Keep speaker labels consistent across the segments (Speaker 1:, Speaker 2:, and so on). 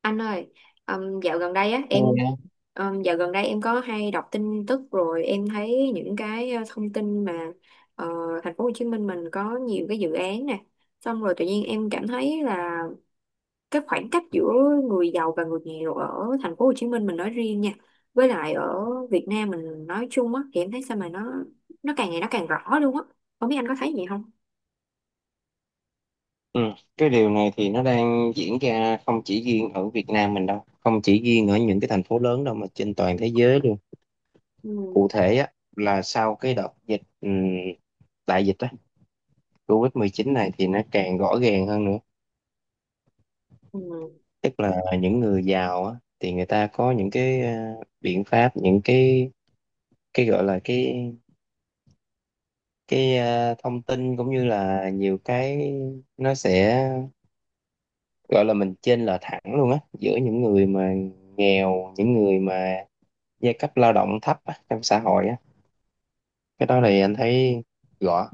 Speaker 1: Anh ơi, dạo gần đây á
Speaker 2: Ừ.
Speaker 1: em dạo gần đây em có hay đọc tin tức rồi em thấy những cái thông tin mà ờ, thành phố Hồ Chí Minh mình có nhiều cái dự án nè, xong rồi tự nhiên em cảm thấy là cái khoảng cách giữa người giàu và người nghèo ở thành phố Hồ Chí Minh mình nói riêng nha, với lại ở Việt Nam mình nói chung á thì em thấy sao mà nó càng ngày nó càng rõ luôn á. Không biết anh có thấy gì không?
Speaker 2: Ừ. Cái điều này thì nó đang diễn ra không chỉ riêng ở Việt Nam mình đâu, không chỉ riêng ở những cái thành phố lớn đâu, mà trên toàn thế giới luôn.
Speaker 1: Ừ,
Speaker 2: Cụ thể á, là sau cái đợt dịch, đại dịch á, covid mười chín này thì nó càng rõ ràng hơn nữa.
Speaker 1: ừ,
Speaker 2: Tức là những người giàu á, thì người ta có những cái biện pháp, những cái gọi là cái thông tin, cũng như là nhiều cái, nó sẽ gọi là mình chênh lệch thẳng luôn á, giữa những người mà nghèo, những người mà giai cấp lao động thấp á, trong xã hội á. Cái đó thì anh thấy rõ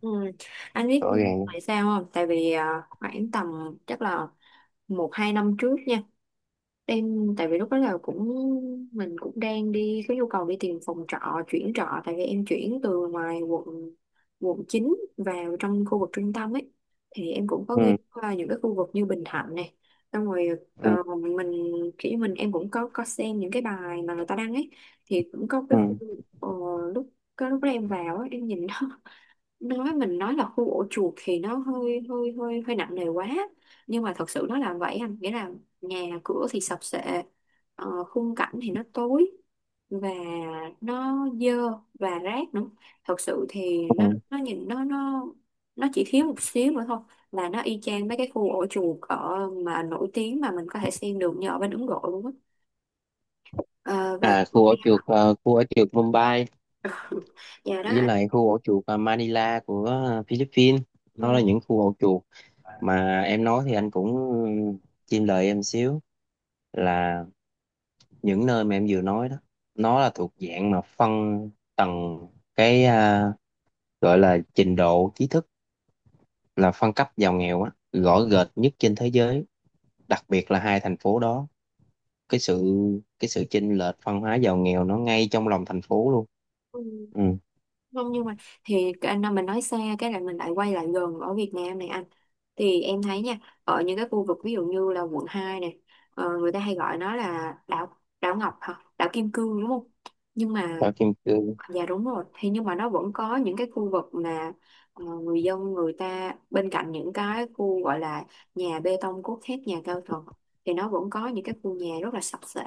Speaker 1: ừ. Anh biết
Speaker 2: rõ ràng
Speaker 1: tại sao không? Tại vì à, khoảng tầm chắc là một hai năm trước nha em tại vì lúc đó là cũng mình cũng đang đi có nhu cầu đi tìm phòng trọ chuyển trọ tại vì em chuyển từ ngoài quận quận 9 vào trong khu vực trung tâm ấy thì em cũng có
Speaker 2: Ừ,
Speaker 1: nghe qua những cái khu vực như Bình Thạnh này xong rồi
Speaker 2: ừ,
Speaker 1: ờ, mình kiểu như mình em cũng có xem những cái bài mà người ta đăng ấy thì cũng có cái khu
Speaker 2: ừ,
Speaker 1: ờ, lúc cái lúc đó em vào ấy, em nhìn đó nói mình nói là khu ổ chuột thì nó hơi hơi hơi hơi nặng nề quá nhưng mà thật sự nó là vậy anh nghĩa là nhà cửa thì sập sệ, khung cảnh thì nó tối và nó dơ và rác nữa thật sự thì nó
Speaker 2: ừ.
Speaker 1: nó nhìn nó nó nó chỉ thiếu một xíu nữa thôi là nó y chang mấy cái khu ổ chuột ở mà nổi tiếng mà mình có thể xem được như ở bên Ấn Độ luôn á. Ờ,
Speaker 2: À,
Speaker 1: và
Speaker 2: khu ổ chuột Mumbai,
Speaker 1: nhà đó
Speaker 2: với
Speaker 1: anh.
Speaker 2: lại khu ổ chuột Manila của Philippines. Nó là những khu ổ chuột mà em nói thì anh cũng chim lời em xíu, là những nơi mà em vừa nói đó, nó là thuộc dạng mà phân tầng cái, gọi là trình độ trí thức, là phân cấp giàu nghèo á, rõ rệt nhất trên thế giới, đặc biệt là hai thành phố đó. Cái sự cái sự chênh lệch văn hóa giàu nghèo, nó ngay trong lòng thành phố luôn.
Speaker 1: Ừ.
Speaker 2: Ừ.
Speaker 1: Không nhưng mà thì mình nói xa cái là mình lại quay lại gần ở Việt Nam này anh thì em thấy nha ở những cái khu vực ví dụ như là quận 2 này, người ta hay gọi nó là đảo đảo Ngọc hả đảo Kim Cương đúng không nhưng mà.
Speaker 2: Ở kim cương.
Speaker 1: Dạ đúng rồi. Thì nhưng mà nó vẫn có những cái khu vực mà người dân người ta bên cạnh những cái khu gọi là nhà bê tông cốt thép nhà cao tầng thì nó vẫn có những cái khu nhà rất là sập xệ.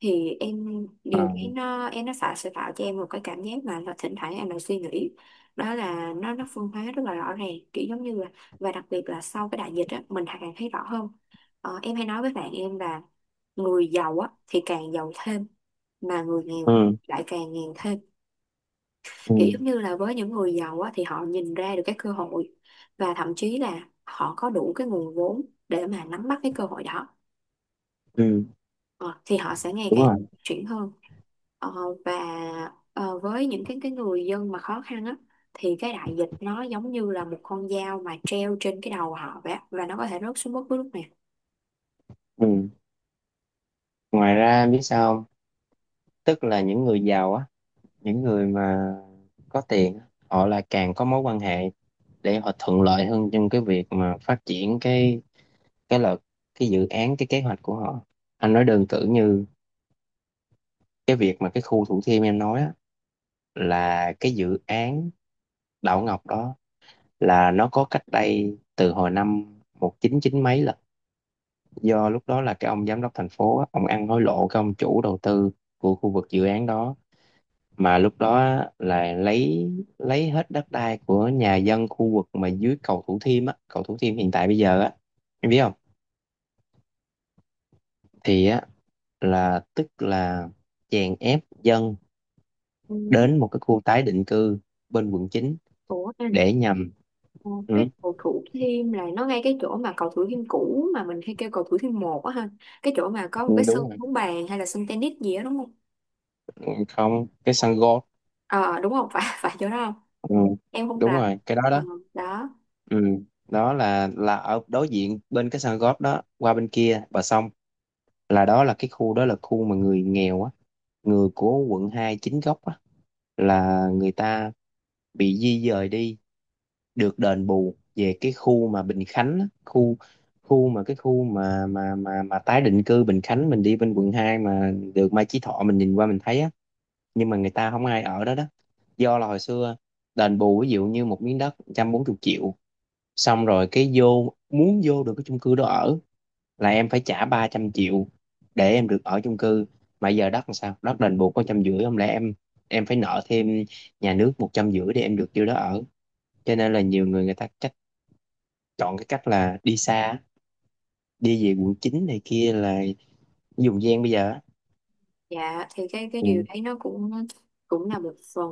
Speaker 1: Thì em điều
Speaker 2: À,
Speaker 1: khiến nó em nó phải sẽ tạo cho em một cái cảm giác mà là thỉnh thoảng em lại suy nghĩ đó là nó phân hóa rất là rõ ràng kiểu giống như là và đặc biệt là sau cái đại dịch á mình càng thấy rõ hơn. Ờ, em hay nói với bạn em là người giàu á thì càng giàu thêm mà người nghèo
Speaker 2: ừ,
Speaker 1: lại càng nghèo thêm
Speaker 2: ừ,
Speaker 1: kiểu giống như là với những người giàu á, thì họ nhìn ra được cái cơ hội và thậm chí là họ có đủ cái nguồn vốn để mà nắm bắt cái cơ hội đó.
Speaker 2: ừ.
Speaker 1: Ờ, thì họ sẽ ngày
Speaker 2: Đúng
Speaker 1: càng
Speaker 2: rồi.
Speaker 1: chuyển hơn. Ờ, và với những cái người dân mà khó khăn á thì cái đại dịch nó giống như là một con dao mà treo trên cái đầu họ vậy á, và nó có thể rớt xuống bất cứ lúc nào.
Speaker 2: Ừ. Ngoài ra em biết sao không? Tức là những người giàu á, những người mà có tiền á, họ là càng có mối quan hệ để họ thuận lợi hơn trong cái việc mà phát triển cái là cái dự án, cái kế hoạch của họ. Anh nói đơn cử như cái việc mà cái khu Thủ Thiêm em nói á, là cái dự án đảo Ngọc đó, là nó có cách đây từ hồi năm một chín chín mấy, là do lúc đó là cái ông giám đốc thành phố á, ông ăn hối lộ cái ông chủ đầu tư của khu vực dự án đó, mà lúc đó á, là lấy hết đất đai của nhà dân khu vực mà dưới cầu Thủ Thiêm á, cầu Thủ Thiêm hiện tại bây giờ á, em biết không? Thì á, là tức là chèn ép dân
Speaker 1: Ừ.
Speaker 2: đến một cái khu tái định cư bên quận chín,
Speaker 1: Ủa.
Speaker 2: để nhằm…
Speaker 1: Ờ,
Speaker 2: Ừ,
Speaker 1: cái cầu Thủ Thiêm là nó ngay cái chỗ mà cầu Thủ Thiêm cũ mà mình hay kêu cầu Thủ Thiêm một á ha, cái chỗ mà có một cái sân
Speaker 2: đúng rồi.
Speaker 1: bóng bàn hay là sân tennis gì đó đúng không,
Speaker 2: Ừ, không, cái sân golf.
Speaker 1: ờ đúng không phải phải chỗ đó không,
Speaker 2: Ừ,
Speaker 1: em không
Speaker 2: đúng
Speaker 1: rành.
Speaker 2: rồi, cái đó
Speaker 1: Ừ,
Speaker 2: đó.
Speaker 1: đó.
Speaker 2: Ừ. Đó là ở đối diện bên cái sân golf đó, qua bên kia bờ sông, là đó là cái khu, đó là khu mà người nghèo á, người của quận 2 chính gốc á, là người ta bị di dời đi, được đền bù về cái khu mà Bình Khánh á, khu khu mà cái khu mà tái định cư Bình Khánh, mình đi bên quận 2 mà được Mai Chí Thọ, mình nhìn qua mình thấy á, nhưng mà người ta không ai ở đó đó. Do là hồi xưa đền bù ví dụ như một miếng đất 140 triệu, xong rồi cái vô, muốn vô được cái chung cư đó ở là em phải trả 300 triệu để em được ở chung cư. Mà giờ đất làm sao, đất đền bù có trăm rưỡi, không lẽ em phải nợ thêm nhà nước một trăm rưỡi để em được vô đó ở. Cho nên là nhiều người người ta cách chọn cái cách là đi xa, đi về quận 9 này kia là dùng gian bây giờ á.
Speaker 1: Dạ thì cái điều
Speaker 2: Ừ.
Speaker 1: đấy nó cũng cũng là một phần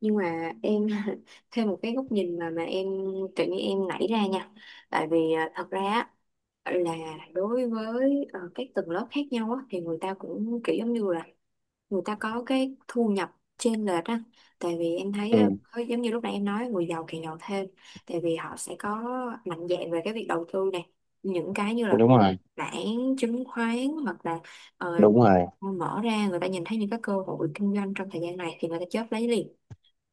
Speaker 1: nhưng mà em thêm một cái góc nhìn mà em tự nhiên em nảy ra nha tại vì à, thật ra á, là đối với các tầng lớp khác nhau á, thì người ta cũng kiểu giống như là người ta có cái thu nhập chênh lệch á tại vì em thấy
Speaker 2: Ừ,
Speaker 1: á, giống như lúc nãy em nói người giàu càng giàu thêm tại vì họ sẽ có mạnh dạn về cái việc đầu tư này những cái như là
Speaker 2: đúng rồi,
Speaker 1: bản chứng khoán hoặc là ờ,
Speaker 2: đúng rồi.
Speaker 1: mở ra người ta nhìn thấy những cái cơ hội kinh doanh trong thời gian này thì người ta chớp lấy liền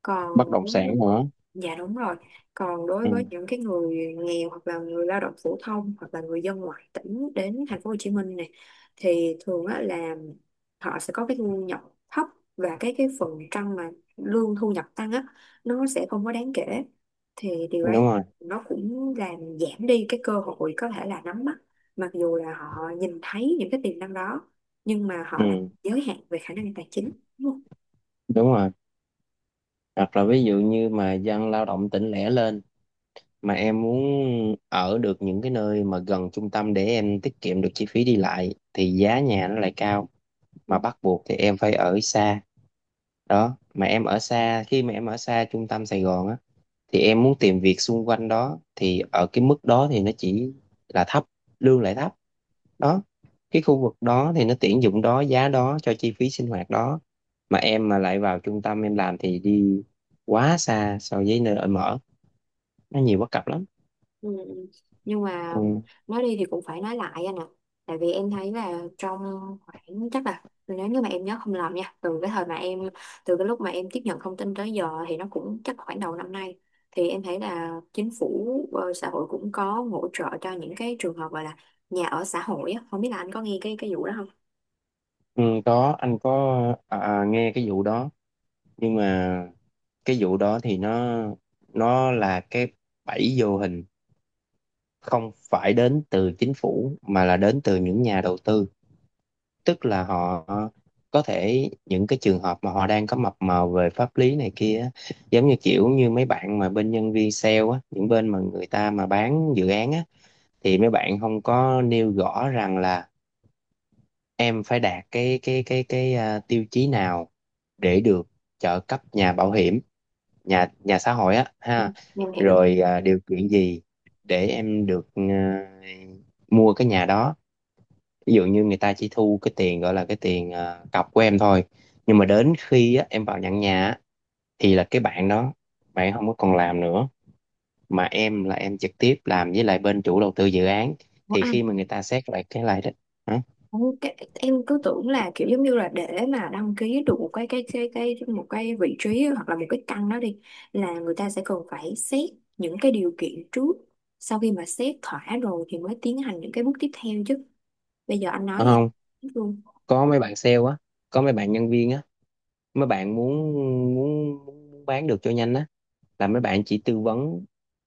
Speaker 1: còn.
Speaker 2: Bất động sản nữa.
Speaker 1: Dạ đúng rồi. Còn đối
Speaker 2: Ừ,
Speaker 1: với những cái người nghèo hoặc là người lao động phổ thông hoặc là người dân ngoại tỉnh đến thành phố Hồ Chí Minh này thì thường á, là họ sẽ có cái thu nhập thấp và cái phần trăm mà lương thu nhập tăng á nó sẽ không có đáng kể. Thì điều
Speaker 2: đúng
Speaker 1: đấy
Speaker 2: rồi.
Speaker 1: nó cũng làm giảm đi cái cơ hội có thể là nắm bắt mặc dù là họ nhìn thấy những cái tiềm năng đó nhưng mà họ lại
Speaker 2: Ừ,
Speaker 1: giới hạn về khả năng tài chính. Đúng
Speaker 2: đúng rồi. Hoặc là ví dụ như mà dân lao động tỉnh lẻ lên, mà em muốn ở được những cái nơi mà gần trung tâm để em tiết kiệm được chi phí đi lại, thì giá nhà nó lại cao, mà
Speaker 1: không?
Speaker 2: bắt buộc thì em phải ở xa. Đó, mà em ở xa, khi mà em ở xa trung tâm Sài Gòn á, thì em muốn tìm việc xung quanh đó thì ở cái mức đó thì nó chỉ là thấp, lương lại thấp. Đó, cái khu vực đó thì nó tuyển dụng đó, giá đó cho chi phí sinh hoạt đó, mà em mà lại vào trung tâm em làm thì đi quá xa so với nơi ở mở, nó nhiều bất cập lắm.
Speaker 1: Ừ. Ừ. Nhưng mà
Speaker 2: Ừ.
Speaker 1: nói đi thì cũng phải nói lại anh ạ. Tại vì em thấy là trong khoảng chắc là nếu như mà em nhớ không lầm nha, từ cái thời mà em từ cái lúc mà em tiếp nhận thông tin tới giờ thì nó cũng chắc khoảng đầu năm nay thì em thấy là chính phủ, xã hội cũng có hỗ trợ cho những cái trường hợp gọi là nhà ở xã hội á, không biết là anh có nghe cái vụ đó không?
Speaker 2: Ừ, có, anh có, à, à, nghe cái vụ đó. Nhưng mà cái vụ đó thì nó là cái bẫy vô hình, không phải đến từ chính phủ mà là đến từ những nhà đầu tư. Tức là họ, có thể những cái trường hợp mà họ đang có mập mờ về pháp lý này kia á, giống như kiểu như mấy bạn mà bên nhân viên sale á, những bên mà người ta mà bán dự án á, thì mấy bạn không có nêu rõ rằng là em phải đạt cái tiêu chí nào để được trợ cấp nhà bảo hiểm, nhà nhà xã hội á
Speaker 1: Ừ.
Speaker 2: ha.
Speaker 1: Em hiểu.
Speaker 2: Rồi, à, điều kiện gì để em được, à, mua cái nhà đó. Ví dụ như người ta chỉ thu cái tiền, gọi là cái tiền, à, cọc của em thôi, nhưng mà đến khi á, em vào nhận nhà á, thì là cái bạn đó, bạn không có còn làm nữa, mà em là em trực tiếp làm với lại bên chủ đầu tư dự án.
Speaker 1: Của
Speaker 2: Thì
Speaker 1: anh.
Speaker 2: khi mà người ta xét lại cái lại đó, hả?
Speaker 1: Ủa, cái, em cứ tưởng là kiểu giống như là để mà đăng ký được một cái một cái vị trí hoặc là một cái căn đó đi là người ta sẽ cần phải xét những cái điều kiện trước sau khi mà xét thỏa rồi thì mới tiến hành những cái bước tiếp theo chứ bây giờ anh
Speaker 2: Đúng
Speaker 1: nói em
Speaker 2: không?
Speaker 1: biết luôn
Speaker 2: Có mấy bạn sale á, có mấy bạn nhân viên á, mấy bạn muốn muốn muốn bán được cho nhanh á, là mấy bạn chỉ tư vấn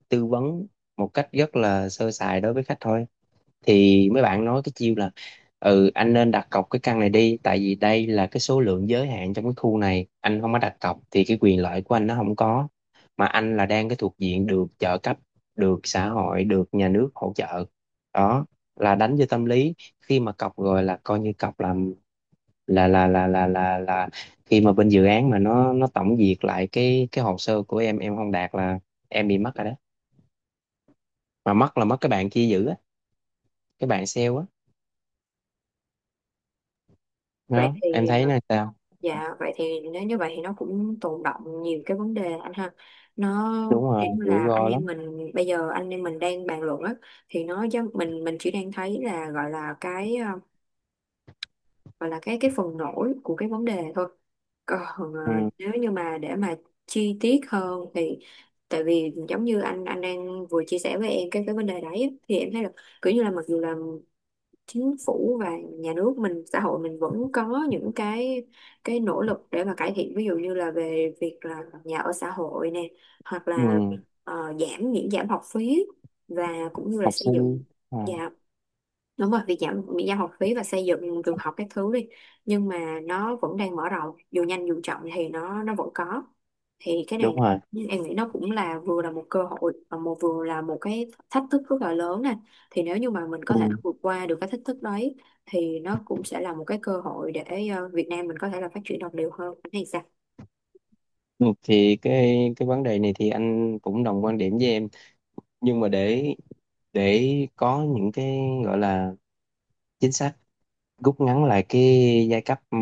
Speaker 2: tư vấn một cách rất là sơ sài đối với khách thôi. Thì mấy bạn nói cái chiêu là: ừ, anh nên đặt cọc cái căn này đi, tại vì đây là cái số lượng giới hạn trong cái khu này, anh không có đặt cọc thì cái quyền lợi của anh nó không có, mà anh là đang cái thuộc diện được trợ cấp, được xã hội, được nhà nước hỗ trợ. Đó, là đánh vô tâm lý. Khi mà cọc rồi là coi như cọc làm, là khi mà bên dự án mà nó tổng duyệt lại cái hồ sơ của em không đạt là em bị mất rồi đó. Mà mất là mất, cái bạn kia giữ á, cái bạn sale á.
Speaker 1: vậy
Speaker 2: Đó, em
Speaker 1: thì.
Speaker 2: thấy là sao?
Speaker 1: Dạ vậy thì nếu như vậy thì nó cũng tồn đọng nhiều cái vấn đề anh ha nó
Speaker 2: Đúng rồi,
Speaker 1: kiểu như
Speaker 2: rủi
Speaker 1: là anh
Speaker 2: ro
Speaker 1: em
Speaker 2: lắm.
Speaker 1: mình bây giờ anh em mình đang bàn luận á thì mình chỉ đang thấy là gọi là cái gọi là cái phần nổi của cái vấn đề thôi còn
Speaker 2: Ừ.
Speaker 1: nếu như mà để mà chi tiết hơn thì tại vì giống như anh đang vừa chia sẻ với em cái vấn đề đấy á, thì em thấy là kiểu như là mặc dù là chính phủ và nhà nước mình xã hội mình vẫn có những cái nỗ lực để mà cải thiện ví dụ như là về việc là nhà ở xã hội nè hoặc là
Speaker 2: Ừ.
Speaker 1: giảm miễn giảm học phí và cũng như là
Speaker 2: Học
Speaker 1: xây
Speaker 2: sinh,
Speaker 1: dựng
Speaker 2: à,
Speaker 1: nhà đúng rồi việc giảm miễn giảm học phí và xây dựng trường học các thứ đi nhưng mà nó vẫn đang mở rộng dù nhanh dù chậm thì nó vẫn có thì cái này
Speaker 2: đúng rồi.
Speaker 1: nhưng em nghĩ nó cũng là vừa là một cơ hội và một vừa là một cái thách thức rất là lớn nè thì nếu như mà mình có thể
Speaker 2: Ừ.
Speaker 1: vượt qua được cái thách thức đấy thì nó cũng sẽ là một cái cơ hội để Việt Nam mình có thể là phát triển đồng đều hơn. Anh thấy sao?
Speaker 2: Ừ. Thì cái vấn đề này thì anh cũng đồng quan điểm với em. Nhưng mà để có những cái gọi là chính sách rút ngắn lại cái giai cấp, ừ,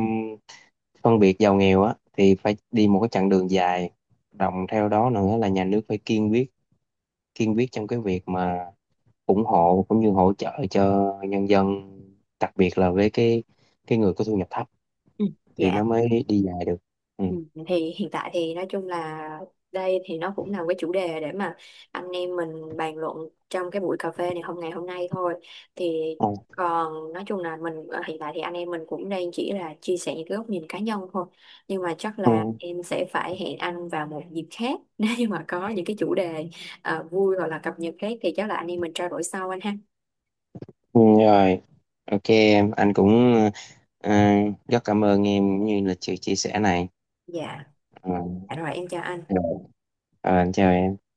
Speaker 2: phân biệt giàu nghèo á, thì phải đi một cái chặng đường dài. Đồng theo đó nữa là nhà nước phải kiên quyết trong cái việc mà ủng hộ cũng như hỗ trợ cho nhân dân, đặc biệt là với cái người có thu nhập thấp,
Speaker 1: Ừ.
Speaker 2: thì
Speaker 1: Dạ.
Speaker 2: nó mới đi dài được. Ừ.
Speaker 1: Ừ, thì hiện tại thì nói chung là đây thì nó cũng là một cái chủ đề để mà anh em mình bàn luận trong cái buổi cà phê này hôm ngày hôm nay thôi thì
Speaker 2: Ừ.
Speaker 1: còn nói chung là mình hiện tại thì anh em mình cũng đang chỉ là chia sẻ những cái góc nhìn cá nhân thôi nhưng mà chắc
Speaker 2: Ừ.
Speaker 1: là em sẽ phải hẹn anh vào một dịp khác nếu như mà có những cái chủ đề vui hoặc là cập nhật khác thì chắc là anh em mình trao đổi sau anh ha.
Speaker 2: Ừ, rồi. Ok em, anh cũng, ờ, rất cảm ơn em cũng như là sự chia sẻ này.
Speaker 1: Dạ.
Speaker 2: Ừ.
Speaker 1: Dạ rồi em chào anh.
Speaker 2: Rồi. Ờ, anh chào em.